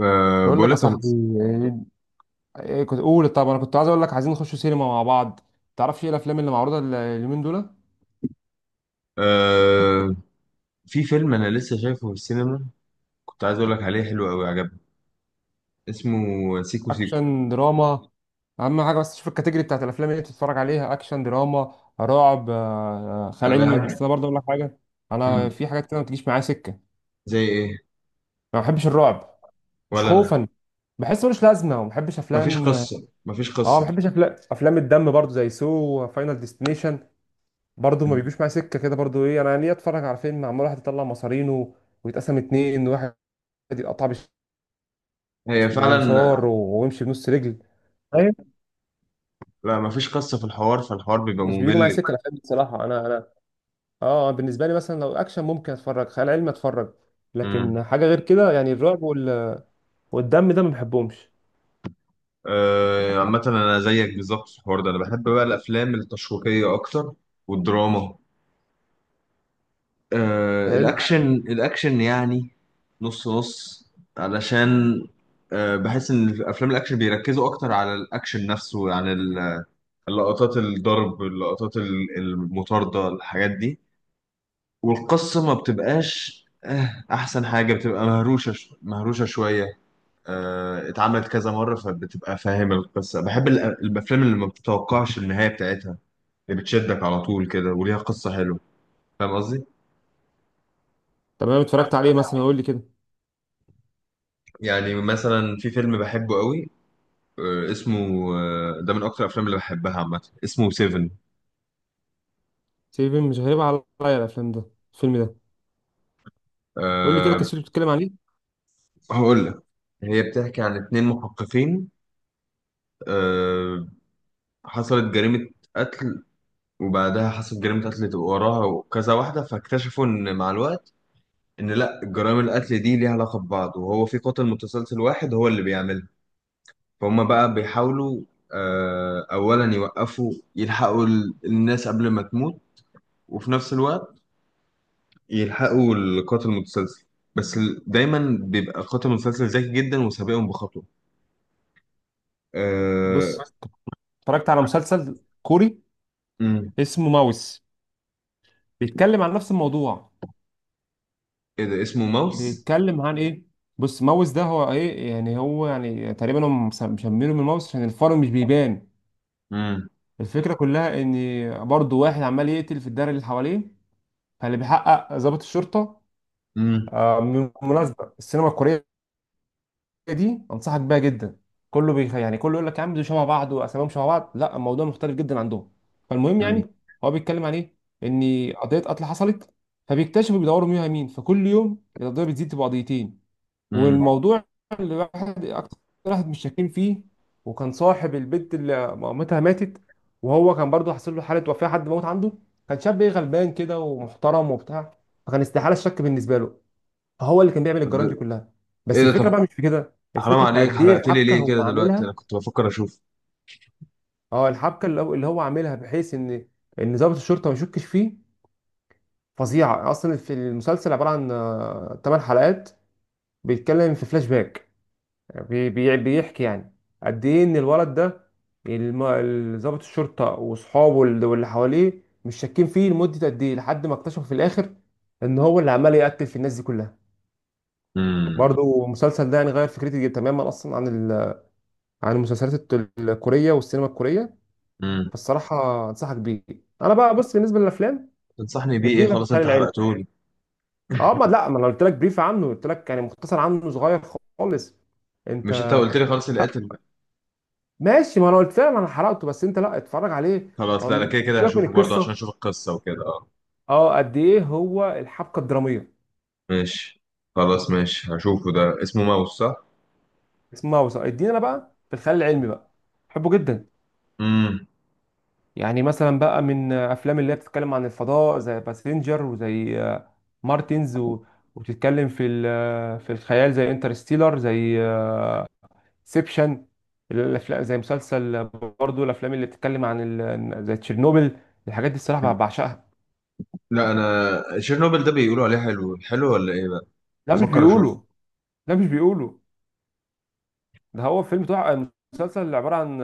أه، بقول بقول لك يا لك صاحبي. ايه إيه كنت اقول، طب انا كنت عايز اقول لك، عايزين نخش سينما مع بعض. تعرفش ايه الافلام اللي معروضه اليومين دول؟ أه، في فيلم انا لسه شايفه في السينما. كنت عايز اقول لك عليه، حلو قوي، عجبني. اسمه سيكو سيكو. اكشن دراما. اهم حاجه بس تشوف الكاتيجوري بتاعت الافلام اللي انت بتتفرج عليها، اكشن دراما رعب خيال انا علمي. بحب. اصل انا برضه اقول لك حاجه، انا مم. في حاجات كده ما بتجيش معايا سكه. زي ايه؟ ما بحبش الرعب، مش ولا انا. خوفا، بحس ملوش لازمه. وما بحبش مفيش افلام، اه قصه مفيش ما قصه. بحبش افلام الدم برضه زي سو وفاينل ديستنيشن، برضه ما بيجوش معايا سكه كده. برضه ايه، انا ليه اتفرج على فيلم عمال واحد يطلع مصارينه ويتقسم اتنين، ان واحد يقطع هي فعلا. بمنشار ويمشي بنص رجل؟ ايوه. لا، مفيش قصه في الحوار، فالحوار بيبقى مش بيجوا معايا ممل. سكه الافلام دي بصراحه. انا انا اه بالنسبه لي، مثلا لو اكشن ممكن اتفرج، خيال علمي اتفرج، مم. لكن حاجه غير كده يعني الرعب والدم ده ما بحبهمش. أه، عامه انا زيك بالظبط في الحوار ده. انا بحب بقى الافلام التشويقيه اكتر، والدراما. حلو. الاكشن يعني، نص نص، علشان بحس ان في افلام الاكشن بيركزوا اكتر على الاكشن نفسه عن اللقطات، الضرب، اللقطات المطاردة، الحاجات دي. والقصة ما بتبقاش، احسن حاجة بتبقى مهروشة، مهروشة شوية. اتعملت كذا مرة فبتبقى فاهم القصة. بحب الافلام اللي ما بتتوقعش النهاية بتاعتها، اللي بتشدك على طول كده وليها قصة حلوة. فاهم قصدي؟ تمام، اتفرجت عليه؟ مثلا قول لي كده. يعني مثلا في فيلم بحبه قوي. اسمه ده من اكتر الافلام اللي بحبها عامه، اسمه سيفن. سيفن مش غريب عليا. الافلام ده الفيلم ده؟ قول لي كده أه. قصته بتتكلم عن ايه. هقول لك. هي بتحكي عن اتنين محققين. أه. حصلت جريمة قتل، وبعدها حصلت جريمة قتل تبقى وراها، وكذا واحدة، فاكتشفوا ان مع الوقت ان لا جرائم القتل دي ليها علاقة ببعض، وهو في قاتل متسلسل واحد هو اللي بيعملها. فهم بقى بيحاولوا اولا يوقفوا، يلحقوا الناس قبل ما تموت، وفي نفس الوقت يلحقوا القاتل المتسلسل. بس دايما بيبقى قاتل متسلسل ذكي جدا وسابقهم بخطوة. آه... بص، اتفرجت على مسلسل كوري مم. اسمه ماوس، بيتكلم عن نفس الموضوع. ايه ده اسمه ماوس؟ بيتكلم عن ايه؟ بص، ماوس ده هو ايه يعني، هو يعني تقريبا هم مسمينه من ماوس عشان الفار مش بيبان. مم. الفكره كلها ان برضه واحد عمال يقتل في الدايره اللي حواليه، فاللي بيحقق ضابط الشرطه. مم. من بالمناسبه السينما الكوريه دي انصحك بيها جدا. يعني كله يقول لك يا عم دول شبه بعض واساميهم شبه بعض، لا الموضوع مختلف جدا عندهم. فالمهم مم. يعني، هو بيتكلم عن ايه؟ ان قضيه قتل حصلت، فبيكتشفوا بيدوروا مين مين، فكل يوم القضيه بتزيد، تبقى قضيتين. مم. والموضوع اللي واحد اكتر، واحد مش شاكين فيه، وكان صاحب البنت اللي مامتها ماتت، وهو كان برضه حصل له حاله، وفاه حد موت عنده. كان شاب ايه، غلبان كده ومحترم وبتاع، فكان استحاله الشك بالنسبه له، فهو اللي كان بيعمل الجرائم دي ده- كلها. ايه بس ده؟ الفكره طب، بقى مش في كده، حرام الفكره في عليك، قد ايه حرقت لي الحبكه ليه كده هو دلوقتي؟ انا عاملها. كنت بفكر اشوف. اه الحبكه اللي هو عاملها بحيث ان ضابط الشرطه ما يشكش فيه. فظيعه اصلا. في المسلسل عباره عن 8 حلقات، بيتكلم في فلاش باك. بيحكي يعني قد ايه ان الولد ده، ضابط الشرطه واصحابه واللي حواليه مش شاكين فيه لمده قد ايه، لحد ما اكتشفوا في الاخر ان هو اللي عمال يقتل في الناس دي كلها. مم. برضو المسلسل ده يعني غير فكرتي تماما اصلا عن عن المسلسلات الكوريه والسينما الكوريه. مم. فالصراحه انصحك بيه. انا بقى، بص، بالنسبه للافلام. تنصحني بيه اديني ايه؟ بقى في خلاص، الخيال انت العلمي. حرقته لي. اه ما لا، ما انا قلت لك بريف عنه، قلت لك يعني مختصر عنه صغير خالص. انت مش انت قلت لي خلاص اللي قاتل؟ ماشي، ما انا قلت لها، ما انا حرقته، بس انت لا اتفرج عليه. خلاص هو لا لا، كده كده سيبك من هشوفه برضه عشان القصه، اشوف القصة وكده، اه. اه قد ايه هو الحبكه الدراميه. ماشي، خلاص ماشي، هشوفه. ده اسمه ماوس صح؟ اسمها وثائقي. ادينا انا بقى في الخيال العلمي بقى، بحبه جدا. مم. يعني مثلا بقى من افلام اللي هي بتتكلم عن الفضاء زي باسنجر وزي مارتنز وبتتكلم في ال... آه، في الخيال زي انترستيلر زي سيبشن. الافلام زي مسلسل، برضو الافلام اللي بتتكلم عن زي تشيرنوبل، الحاجات دي الصراحه بعشقها. لا، انا تشيرنوبل ده بيقولوا عليه حلو حلو ولا ايه بقى؟ لا مش بفكر اشوف. بيقولوا، لا مش بيقولوا، ده هو فيلم تحفة. مسلسل اللي عبارة عن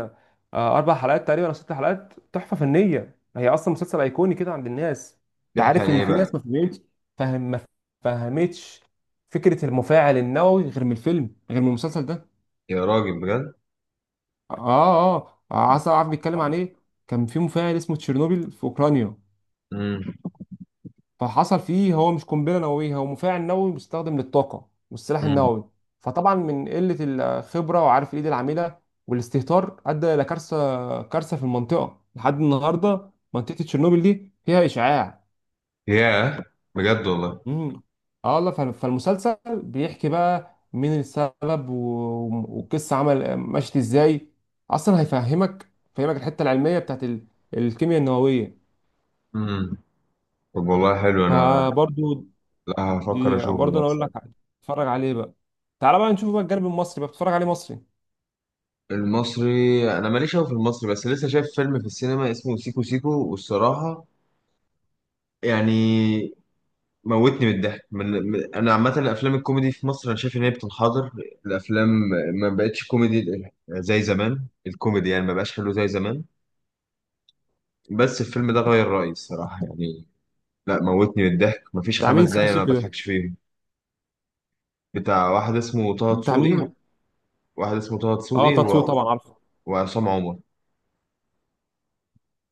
أربع حلقات تقريبا أو ست حلقات، تحفة فنية، هي أصلا مسلسل أيقوني كده عند الناس. أنت بيحكي عن عارف إن ايه في بقى؟ ناس ما فهمتش، ما فهمتش فكرة المفاعل النووي غير من الفيلم، غير من المسلسل ده. يا راجل بجد. آه عسل. عارف بيتكلم عن إيه؟ كان في مفاعل اسمه تشيرنوبيل في أوكرانيا، امم. فحصل فيه، هو مش قنبله نوويه، هو مفاعل نووي مستخدم للطاقه والسلاح امم. النووي. فطبعا من قله الخبره، وعارف الايد العامله والاستهتار، ادى الى كارثه، كارثه في المنطقه لحد النهارده. منطقه تشيرنوبل دي فيها اشعاع. ياه، بجد والله. امم اه والله، فالمسلسل بيحكي بقى مين السبب والقصه عمل مشت ازاي. اصلا هيفهمك، فهمك الحته العلميه بتاعت الكيمياء النوويه. امم. طب والله حلو. انا فبرضو لا، هفكر دي اشوفه برضه ده انا اقول بصراحه. لك، اتفرج عليه بقى. تعالى بقى نشوف بقى الجانب المصري بقى، بتتفرج عليه مصري. المصري انا ماليش قوي في المصري، بس لسه شايف فيلم في السينما اسمه سيكو سيكو، والصراحه يعني موتني من الضحك. انا عامه الافلام الكوميدي في مصر انا شايف ان هي بتنحدر، الافلام. ما بقتش كوميدي زي زمان، الكوميدي يعني ما بقاش حلو زي زمان. بس الفيلم ده غير رأيي الصراحة، يعني لا، موتني من الضحك، مفيش بتاع مين خمس سيكو دقايق انا ما سيكو ده؟ بضحكش فيهم. بتاع واحد اسمه طه بتاع مين؟ دسوقي. واحد اسمه طه اه دسوقي تاتسو طبعا عارفه. وعصام عمر.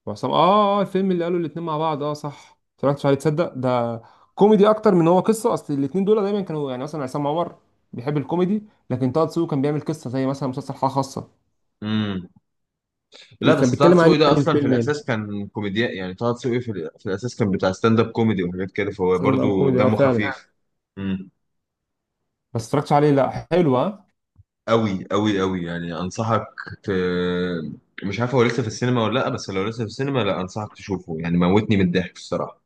وعصام، الفيلم اللي قالوا الاتنين مع بعض، اه صح. اتفرجتش عليه، تصدق؟ ده كوميدي اكتر من هو قصه، اصل الاتنين دول دايما كانوا، يعني مثلا عصام عمر بيحب الكوميدي، لكن طه دسوقي كان بيعمل قصه زي مثلا مسلسل حاله خاصه. امم. لا، إيه كان بس طه بيتكلم عن دسوقي ايه ده يعني اصلا في الفيلم يعني؟ الاساس كان كوميديان. يعني طه دسوقي في الاساس كان بتاع ستاند اب كوميدي وحاجات كده، فهو مثلا برضو كوميدي دمه فعلا؟ خفيف. امم. بس اتفرجتش عليه، لا حلو ها. قوي قوي قوي، يعني انصحك. ت... مش عارف هو لسه في السينما ولا لا، بس لو لسه في السينما، لا انصحك تشوفه يعني، موتني من الضحك الصراحة.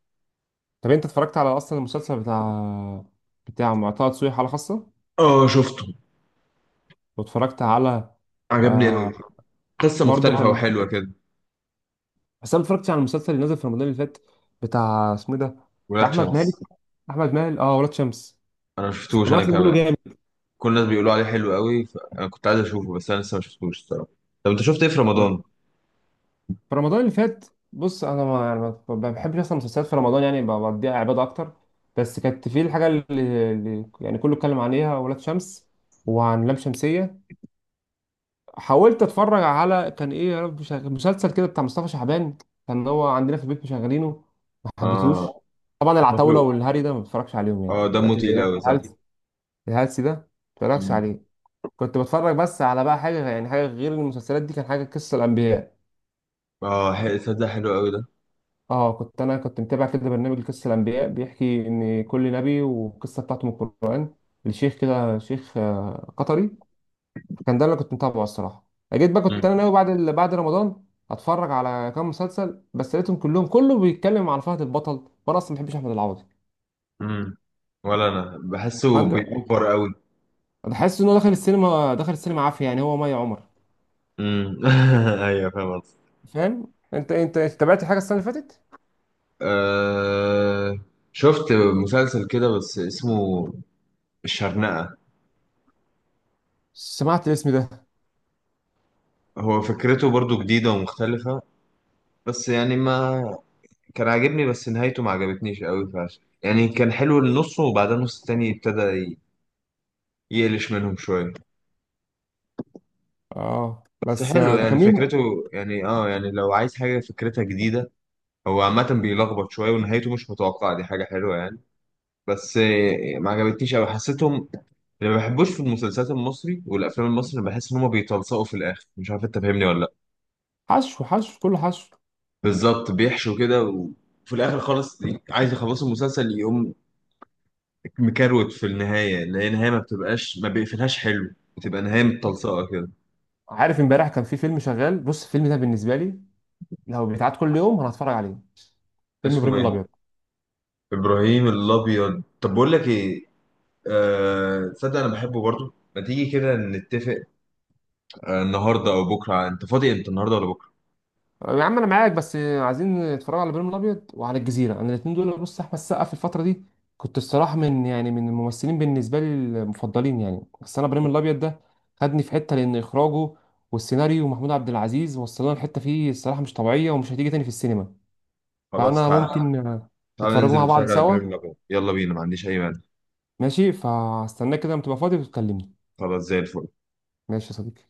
طب انت اتفرجت على اصلا المسلسل بتاع مع طه دسوقي، حاله خاصه؟ اه، شفته، واتفرجت على عجبني قوي. آه قصة برضو مختلفة كان. وحلوة كده. بس انا اتفرجت على المسلسل اللي نزل في رمضان اللي فات، بتاع اسمه إيه ده، بتاع ولاد احمد مالك شمس؟ احمد مالك ولاد شمس. أنا ما شفتوش أنا سمعت إن بيقولوا كمان. جامد. كل الناس بيقولوا عليه حلو قوي، فأنا كنت عايز أشوفه، بس أنا لسه ما شفتوش الصراحة. طب أنت شفت إيه في رمضان؟ في رمضان اللي فات، بص، انا ما يعني ما بحبش اصلا المسلسلات في رمضان، يعني بقضيها عباده اكتر. بس كانت في الحاجه اللي يعني كله اتكلم عليها، ولاد شمس وعن لام شمسيه. حاولت اتفرج على، كان ايه يا رب، مسلسل كده بتاع مصطفى شعبان، كان هو عندنا في البيت مشغلينه، ما حبيتهوش. آه. طبعا العتاوله شكله. والهري ده ما بتفرجش عليهم، يعني آه، دمه الحلقات اللي تقيل هي قوي صح. الهلس، الهلس ده ما بتفرجش مم. عليه. كنت بتفرج بس على بقى حاجه يعني، حاجه غير المسلسلات دي، كان حاجه قصه الانبياء. آه، حلو ده، حلو قوي ده. اه كنت، انا كنت متابع كده برنامج قصه الانبياء، بيحكي ان كل نبي والقصه بتاعته من القران، الشيخ كده، شيخ قطري. كان ده اللي كنت متابعه الصراحه. جيت بقى، كنت مم. انا ناوي بعد بعد رمضان اتفرج على كام مسلسل، بس لقيتهم كلهم كله بيتكلم عن فهد البطل، وانا اصلا ما بحبش احمد العوضي. مم. ولا أنا بحسه فانت بيأفور قوي. تحس ان هو دخل السينما، دخل السينما عافيه، يعني هو مي عمر. مم. أيوه، فاهم قصدك. فاهم؟ انت تابعت حاجه السنه اللي فاتت؟ آه، شفت مسلسل كده بس اسمه الشرنقة. سمعت الاسم ده. هو فكرته برضو جديدة ومختلفة، بس يعني ما كان عاجبني. بس نهايته ما عجبتنيش قوي، فعشان يعني كان حلو النص، وبعدين النص التاني ابتدى يقلش منهم شوية. اه بس بس حلو ده يعني كان فكرته. مين؟ يعني لو عايز حاجة فكرتها جديدة، هو عامة بيلخبط شوية ونهايته مش متوقعة، دي حاجة حلوة يعني. بس ما عجبتنيش قوي، حسيتهم. اللي ما بحبوش في المسلسلات المصري والأفلام المصري، بحس إن هما بيتلصقوا في الآخر. مش عارف أنت فاهمني ولا لأ. حشو، حشو، كله حشو. بالظبط، بيحشوا كده، و في الاخر خالص عايز يخلصوا المسلسل يقوم مكروت في النهاية، اللي هي نهاية ما بتبقاش، ما بيقفلهاش حلو، بتبقى نهاية آه. متلصقة كده. عارف امبارح كان في فيلم شغال؟ بص، الفيلم ده بالنسبه لي لو بيتعاد كل يوم انا هتفرج عليه، فيلم اسمه ابراهيم ايه؟ الابيض. إبراهيم الأبيض؟ طب بقول لك ايه؟ آه، تصدق أنا بحبه برضو. ما تيجي كده نتفق، النهاردة أو بكرة؟ أنت فاضي أنت، النهاردة ولا بكرة؟ يا عم انا معاك، بس عايزين نتفرج على ابراهيم الابيض وعلى الجزيره، انا الاثنين دول. بص، احمد السقا في الفتره دي كنت الصراحه من الممثلين بالنسبه لي المفضلين يعني. بس انا ابراهيم الابيض ده خدني في حته، لان اخراجه والسيناريو ومحمود عبد العزيز وصلنا لحته فيه الصراحه مش طبيعيه، ومش هتيجي تاني في السينما. خلاص فانا تعالى، ممكن تعالى نتفرجوا ننزل مع بعض نتفرج على سوا. إبراهيم الأبيض، يلا بينا، ما عنديش أي مانع. ماشي، فاستناك كده لما تبقى فاضي وتكلمني. خلاص زي الفل. ماشي يا صديقي.